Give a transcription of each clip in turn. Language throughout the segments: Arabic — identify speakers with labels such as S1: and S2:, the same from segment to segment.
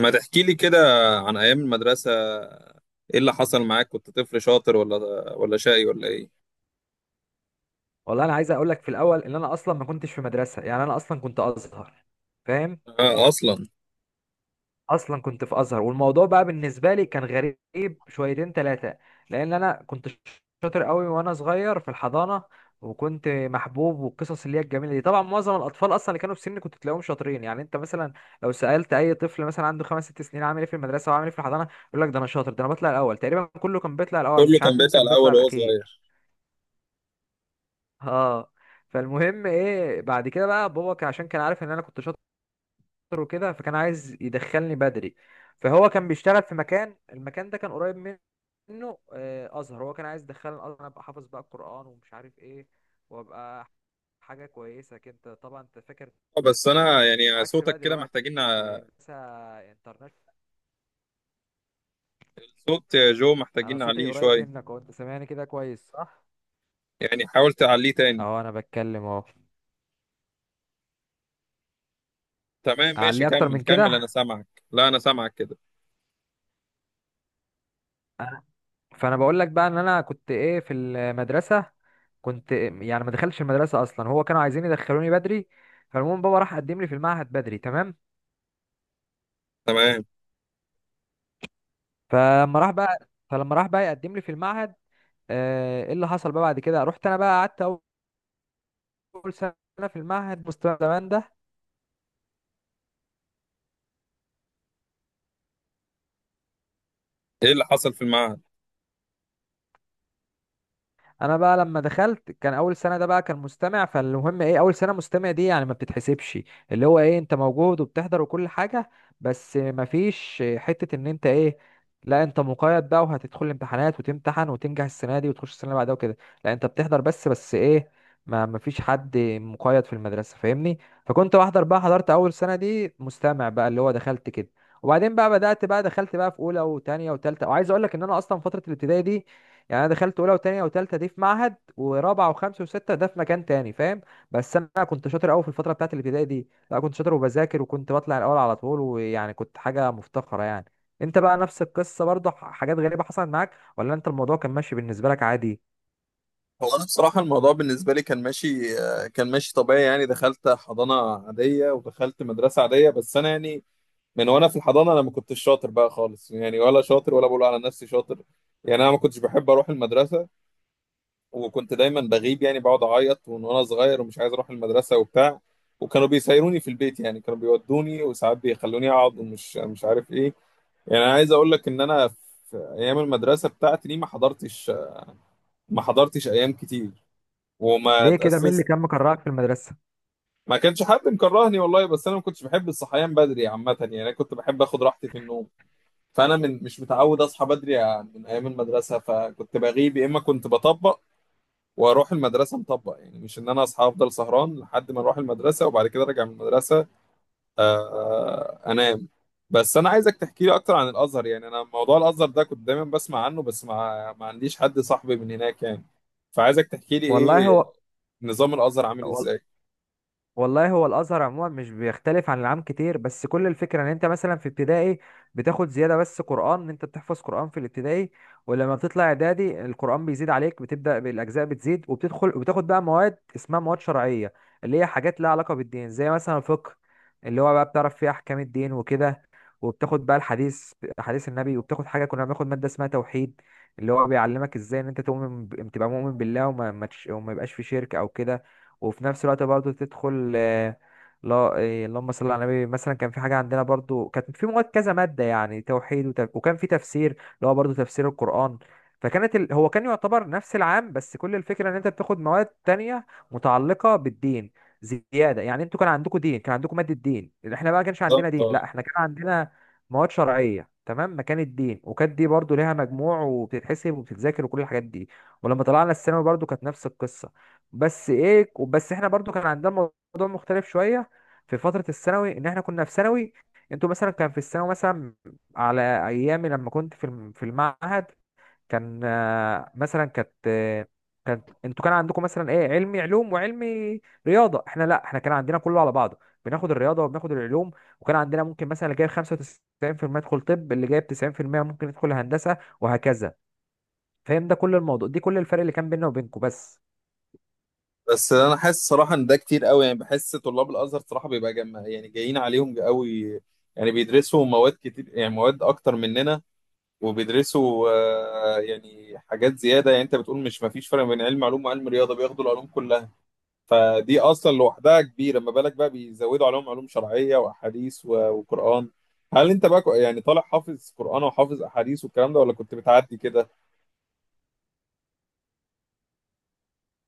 S1: ما تحكي لي كده عن ايام المدرسه. ايه اللي حصل معاك؟ كنت طفل شاطر ولا شقي ولا ايه؟
S2: والله انا عايز اقول لك في الاول ان انا اصلا ما كنتش في مدرسه، يعني انا اصلا كنت ازهر. فاهم؟
S1: آه اصلا.
S2: اصلا كنت في ازهر، والموضوع بقى بالنسبه لي كان غريب شويتين ثلاثه. لان انا كنت شاطر قوي وانا صغير في الحضانه، وكنت محبوب والقصص اللي هي الجميله دي. طبعا معظم الاطفال اصلا اللي كانوا في سني كنت تلاقيهم شاطرين. يعني انت مثلا لو سالت اي طفل مثلا عنده خمس ست سنين عامل ايه في المدرسه وعامل ايه في الحضانه، يقول لك ده انا شاطر، ده انا بطلع الاول. تقريبا كله كان بيطلع الاول،
S1: كله
S2: مش
S1: كان
S2: عارف مين
S1: بيطلع
S2: كان بيطلع
S1: الاول وهو صغير؟
S2: الاخير. اه، فالمهم ايه بعد كده بقى بابا عشان كان عارف ان انا كنت شاطر وكده، فكان عايز يدخلني بدري. فهو كان بيشتغل في مكان، المكان ده كان قريب منه. ازهر، هو كان عايز يدخلني الازهر، أنا ابقى حافظ بقى القران ومش عارف ايه، وابقى حاجه كويسه كده. طبعا انت فاكر،
S1: بس
S2: تفكير
S1: انا
S2: بقى
S1: يعني
S2: عكس
S1: صوتك
S2: بقى
S1: كده
S2: دلوقتي،
S1: محتاجين
S2: بس انترنت.
S1: صوت يا جو،
S2: انا
S1: محتاجين
S2: صوتي
S1: عليه
S2: قريب
S1: شويه،
S2: منك اهو، انت سامعني كده كويس صح؟
S1: يعني حاول تعليه تاني.
S2: اهو انا بتكلم اهو.
S1: تمام، ماشي،
S2: اعليه اكتر
S1: كمل
S2: من
S1: كمل، انا
S2: كده.
S1: سامعك، لا انا سامعك كده.
S2: فانا بقول لك بقى ان انا كنت ايه في المدرسه. كنت يعني ما دخلتش المدرسه اصلا، هو كانوا عايزين يدخلوني بدري. فالمهم بابا راح قدم لي في المعهد بدري. تمام،
S1: تمام،
S2: فلما راح بقى يقدم لي في المعهد. ايه اللي حصل بقى بعد كده، رحت انا بقى قعدت اول سنه في المعهد، مستوى زمان ده.
S1: ايه اللي حصل في المعهد؟
S2: انا بقى لما دخلت كان اول سنه ده بقى كان مستمع. فالمهم ايه، اول سنه مستمع دي يعني ما بتتحسبش، اللي هو ايه، انت موجود وبتحضر وكل حاجه، بس ما فيش حته ان انت ايه، لا انت مقيد بقى وهتدخل الامتحانات وتمتحن وتنجح السنه دي وتخش السنه اللي بعدها وكده. لا انت بتحضر بس، بس ايه، ما فيش حد مقيد في المدرسه، فاهمني؟ فكنت بحضر بقى، حضرت اول سنه دي مستمع بقى، اللي هو دخلت كده. وبعدين بقى بدأت بقى دخلت بقى في اولى وتانية وتالتة. وعايز اقول لك ان انا اصلا فترة الابتدائي دي، يعني انا دخلت اولى وتانية وتالتة دي في معهد، ورابعة وخمسة وستة ده في مكان تاني، فاهم؟ بس انا كنت شاطر قوي في الفترة بتاعت الابتدائي دي. لا كنت شاطر وبذاكر، وكنت بطلع الاول على طول، ويعني كنت حاجة مفتخرة يعني. انت بقى نفس القصة برضه؟ حاجات غريبة حصلت معاك ولا انت الموضوع كان ماشي بالنسبة لك عادي؟
S1: هو انا بصراحه الموضوع بالنسبه لي كان ماشي، كان ماشي طبيعي. يعني دخلت حضانه عاديه ودخلت مدرسه عاديه، بس انا يعني من وانا في الحضانه، انا ما كنتش شاطر بقى خالص، يعني ولا شاطر ولا بقول على نفسي شاطر. يعني انا ما كنتش بحب اروح المدرسه، وكنت دايما بغيب، يعني بقعد اعيط ومن وانا صغير ومش عايز اروح المدرسه وبتاع. وكانوا بيسيروني في البيت، يعني كانوا بيودوني وساعات بيخلوني اقعد ومش مش عارف ايه. يعني انا عايز اقول لك ان انا في ايام المدرسه بتاعتي دي ما حضرتش، ايام كتير، وما
S2: ليه كده؟ مين اللي
S1: اتاسست.
S2: كان مكرهك في المدرسة؟
S1: ما كانش حد مكرهني والله، بس انا ما كنتش بحب الصحيان بدري عامه، يعني انا كنت بحب اخد راحتي في النوم. فانا من مش متعود اصحى بدري يعني من ايام المدرسه، فكنت بغيب يا اما كنت بطبق واروح المدرسه مطبق. يعني مش ان انا اصحى، افضل سهران لحد ما اروح المدرسه وبعد كده ارجع من المدرسه،
S2: مم.
S1: انام. بس انا عايزك تحكي لي اكتر عن الازهر. يعني انا موضوع الازهر ده كنت دايما بسمع عنه، بس ما عنديش حد صاحبي من هناك يعني. فعايزك تحكي لي
S2: والله
S1: ايه
S2: هو.
S1: نظام الازهر عامل
S2: وال-
S1: ازاي.
S2: والله هو الازهر عموما مش بيختلف عن العام كتير، بس كل الفكره ان انت مثلا في ابتدائي بتاخد زياده بس قران، ان انت بتحفظ قران في الابتدائي. ولما بتطلع اعدادي القران بيزيد عليك، بتبدا بالاجزاء بتزيد، وبتدخل وبتاخد بقى مواد اسمها مواد شرعيه، اللي هي حاجات لها علاقه بالدين، زي مثلا الفقه اللي هو بقى بتعرف فيه احكام الدين وكده. وبتاخد بقى الحديث، حديث النبي. وبتاخد حاجه كنا بناخد ماده اسمها توحيد، اللي هو بيعلمك ازاي ان انت تؤمن تبقى مؤمن بالله، وما ما تش- وما يبقاش في شرك او كده. وفي نفس الوقت برضو تدخل آه، لا آه، اللهم صل على النبي، مثلا كان في حاجه عندنا برضو، كانت في مواد كذا ماده، يعني توحيد وكان في تفسير اللي هو برضو تفسير القران. هو كان يعتبر نفس العام، بس كل الفكره ان انت بتاخد مواد تانية متعلقه بالدين زياده. يعني انتوا كان عندكم دين، كان عندكم ماده دين، احنا بقى كانش عندنا دين،
S1: بالظبط.
S2: لا احنا كان عندنا مواد شرعيه تمام مكان الدين. وكانت دي برضو ليها مجموع وبتتحسب وبتتذاكر وكل الحاجات دي. ولما طلعنا الثانوي برضو كانت نفس القصه، بس ايه، بس احنا برضو كان عندنا موضوع مختلف شويه في فتره الثانوي، ان احنا كنا في ثانوي. انتوا مثلا كان في الثانوي مثلا، على ايامي لما كنت في في المعهد، كان مثلا كانت، انتوا كان عندكم مثلا ايه، علمي علوم وعلمي رياضه. احنا لا، احنا كان عندنا كله على بعضه، بناخد الرياضه وبناخد العلوم. وكان عندنا ممكن مثلا اللي جايب 95% يدخل طب، اللي جايب 90% ممكن يدخل هندسه، وهكذا. فاهم؟ ده كل الموضوع، دي كل الفرق اللي كان بيننا وبينكم بس.
S1: بس انا حاسس صراحه ان ده كتير قوي، يعني بحس طلاب الازهر صراحه بيبقى يعني جايين عليهم قوي. يعني بيدرسوا مواد كتير، يعني مواد اكتر مننا، وبيدرسوا يعني حاجات زياده. يعني انت بتقول مش ما فيش فرق بين علم علوم وعلم رياضه، بياخدوا العلوم كلها. فدي اصلا لوحدها كبيره، ما بالك بقى بيزودوا عليهم علوم شرعيه واحاديث وقران. هل انت بقى يعني طالع حافظ قران وحافظ احاديث والكلام ده، ولا كنت بتعدي كده؟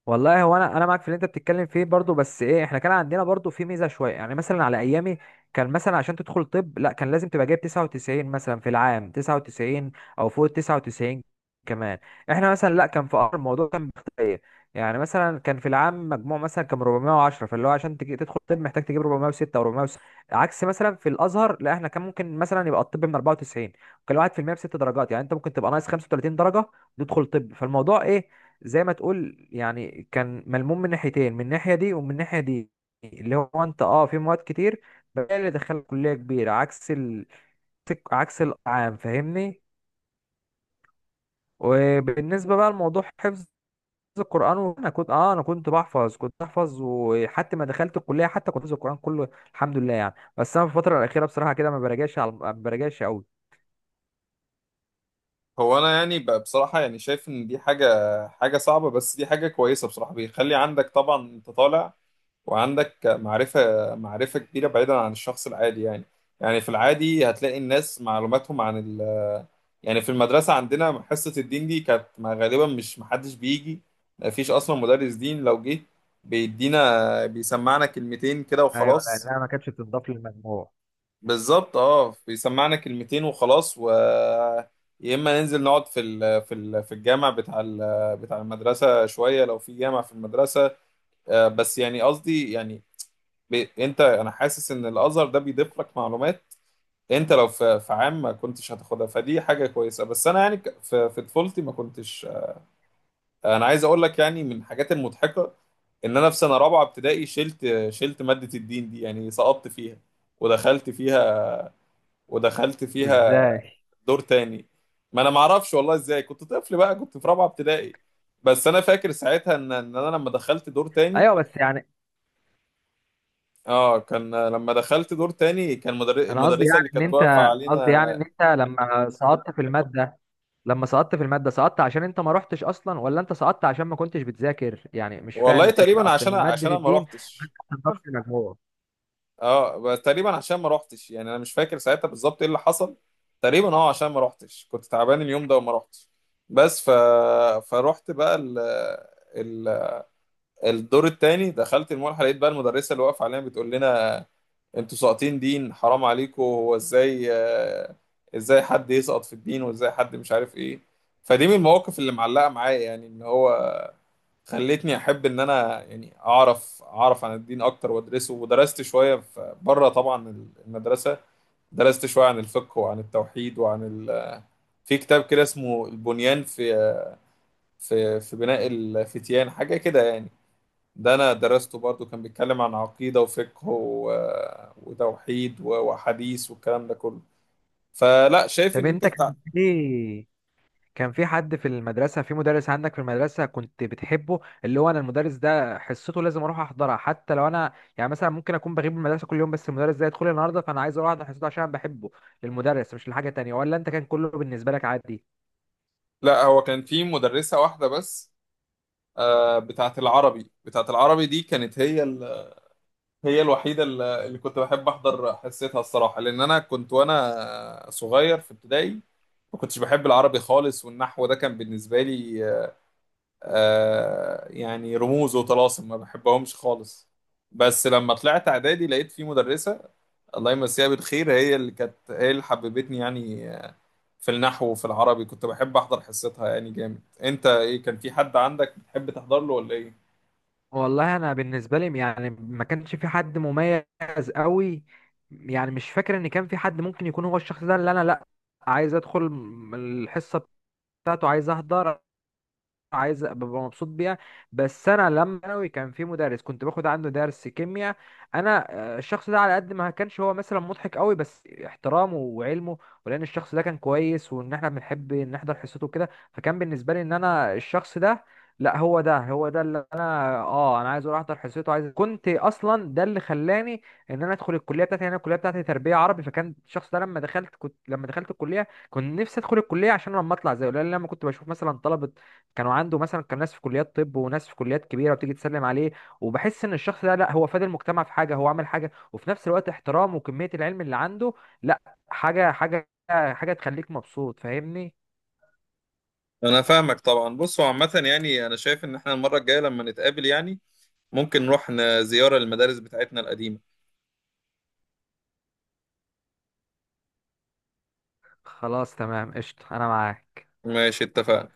S2: والله هو، انا معاك في اللي انت بتتكلم فيه برضو، بس ايه، احنا كان عندنا برضو في ميزه شويه. يعني مثلا على ايامي، كان مثلا عشان تدخل طب لا كان لازم تبقى جايب 99 مثلا، في العام 99 او فوق 99 كمان. احنا مثلا لا، كان في أمر، الموضوع كان بيختلف. يعني مثلا كان في العام مجموع مثلا كان 410، فاللي هو عشان تجي تدخل طب محتاج تجيب 406 او 406. عكس مثلا في الازهر، لا احنا كان ممكن مثلا يبقى الطب من 94، وكان الواحد في المية بست درجات، يعني انت ممكن تبقى ناقص 35 درجه تدخل طب. فالموضوع ايه، زي ما تقول يعني كان ملموم من ناحيتين، من الناحية دي ومن الناحية دي. اللي هو انت اه في مواد كتير بقى اللي دخلك كلية كبيرة، عكس عكس العام، فاهمني؟ وبالنسبة بقى لموضوع حفظ القرآن، انا كنت اه، انا كنت بحفظ، كنت بحفظ، وحتى ما دخلت الكلية حتى كنت حافظ القرآن كله، الحمد لله. يعني بس انا في الفترة الأخيرة بصراحة كده ما براجعش، على ما براجعش قوي.
S1: هو انا يعني بصراحه يعني شايف ان دي حاجه، صعبه، بس دي حاجه كويسه بصراحه، بيخلي عندك طبعا انت طالع وعندك معرفه، كبيره بعيدا عن الشخص العادي يعني. يعني في العادي هتلاقي الناس معلوماتهم عن ال، يعني في المدرسه عندنا حصه الدين دي كانت غالبا مش محدش بيجي، مفيش اصلا مدرس دين. لو جه بيدينا بيسمعنا كلمتين كده
S2: ايوه،
S1: وخلاص.
S2: لانها ما كانتش بتضاف للمجموع.
S1: بالظبط، اه بيسمعنا كلمتين وخلاص، و يا اما ننزل نقعد في في الجامع بتاع بتاع المدرسه شويه لو في جامع في المدرسه. بس يعني قصدي يعني انت انا حاسس ان الازهر ده بيضيف لك معلومات انت لو في عام ما كنتش هتاخدها، فدي حاجه كويسه. بس انا يعني في طفولتي ما كنتش، انا عايز اقول لك يعني من الحاجات المضحكه ان انا في سنه رابعه ابتدائي شلت، ماده الدين دي، يعني سقطت فيها ودخلت فيها، ودخلت فيها
S2: ازاي؟
S1: دور تاني. ما انا ما اعرفش والله ازاي، كنت طفل بقى كنت في رابعه ابتدائي. بس انا فاكر ساعتها ان انا لما دخلت دور تاني،
S2: ايوه بس يعني،
S1: اه كان لما دخلت دور تاني كان
S2: انا قصدي
S1: المدرسه
S2: يعني
S1: اللي
S2: ان
S1: كانت واقفه
S2: انت، قصدي
S1: علينا.
S2: يعني ان انت لما سقطت في الماده، لما سقطت في الماده سقطت عشان انت ما رحتش اصلا، ولا انت سقطت عشان ما كنتش بتذاكر؟ يعني مش فاهم
S1: والله
S2: الفكره،
S1: تقريبا
S2: اصل
S1: عشان،
S2: ماده
S1: انا ما
S2: الدين
S1: روحتش.
S2: ماده بتضافش مجموع.
S1: اه بس تقريبا عشان ما روحتش، يعني انا مش فاكر ساعتها بالظبط ايه اللي حصل. تقريبا اه عشان ما روحتش، كنت تعبان اليوم ده وما روحتش. بس فروحت بقى ال... الدور التاني، دخلت الملحه لقيت بقى المدرسه اللي واقفه علينا بتقول لنا انتوا ساقطين دين، حرام عليكم، هو ازاي؟ ازاي حد يسقط في الدين وازاي حد مش عارف ايه؟ فدي من المواقف اللي معلقه معايا يعني، ان هو خلتني احب ان انا يعني اعرف، عن الدين اكتر وادرسه. ودرست شويه بره طبعا المدرسه، درست شويه عن الفقه وعن التوحيد وعن في كتاب كده اسمه البنيان في في بناء الفتيان، حاجه كده يعني. ده انا درسته برضو، كان بيتكلم عن عقيدة وفقه وتوحيد وحديث والكلام ده كله. فلا شايف
S2: طب
S1: ان انت
S2: انت
S1: بتاع،
S2: كان في، كان في حد في المدرسه، في مدرس عندك في المدرسه كنت بتحبه، اللي هو انا المدرس ده حصته لازم اروح احضرها حتى لو انا، يعني مثلا ممكن اكون بغيب من المدرسه كل يوم، بس المدرس ده يدخل لي النهارده فانا عايز اروح احضر حصته عشان انا بحبه للمدرس مش لحاجه تانية، ولا انت كان كله بالنسبه لك عادي؟
S1: لا هو كان في مدرسة واحدة بس، بتاعت العربي. بتاعت العربي دي كانت هي هي الوحيدة اللي كنت بحب احضر حصتها الصراحة، لان انا كنت وانا صغير في ابتدائي ما كنتش بحب العربي خالص، والنحو ده كان بالنسبة لي يعني رموز وطلاسم ما بحبهمش خالص. بس لما طلعت اعدادي لقيت في مدرسة الله يمسيها بالخير، هي اللي كانت، هي اللي حببتني يعني في النحو وفي العربي، كنت بحب احضر حصتها يعني جامد. انت ايه؟ كان في حد عندك بتحب تحضر له ولا ايه؟
S2: والله انا بالنسبه لي يعني ما كانش في حد مميز قوي. يعني مش فاكر ان كان في حد ممكن يكون هو الشخص ده اللي انا لا عايز ادخل الحصه بتاعته، عايز احضر، عايز ابقى مبسوط بيها. بس انا لما ثانوي كان في مدرس كنت باخد عنده درس كيمياء انا. الشخص ده على قد ما كانش هو مثلا مضحك قوي، بس احترامه وعلمه، ولان الشخص ده كان كويس وان احنا بنحب نحضر حصته وكده، فكان بالنسبه لي ان انا الشخص ده، لا هو ده، هو ده اللي انا اه انا عايز اروح احضر حصته عايز. كنت اصلا ده اللي خلاني ان انا ادخل الكليه بتاعتي. يعني انا الكليه بتاعتي تربيه عربي، فكان الشخص ده لما دخلت، كنت لما دخلت الكليه كنت نفسي ادخل الكليه عشان لما اطلع زيه. لان لما كنت بشوف مثلا طلبه كانوا عنده، مثلا كان ناس في كليات طب وناس في كليات كبيره، وتيجي تسلم عليه، وبحس ان الشخص ده لا هو فاد المجتمع في حاجه، هو عمل حاجه، وفي نفس الوقت احترامه وكميه العلم اللي عنده، لا حاجه حاجه حاجه تخليك مبسوط، فاهمني؟
S1: انا فاهمك طبعا. بص هو عامه، يعني انا شايف ان احنا المره الجايه لما نتقابل يعني ممكن نروح زياره للمدارس بتاعتنا القديمه.
S2: خلاص تمام، قشطه، انا معاك.
S1: ماشي اتفقنا.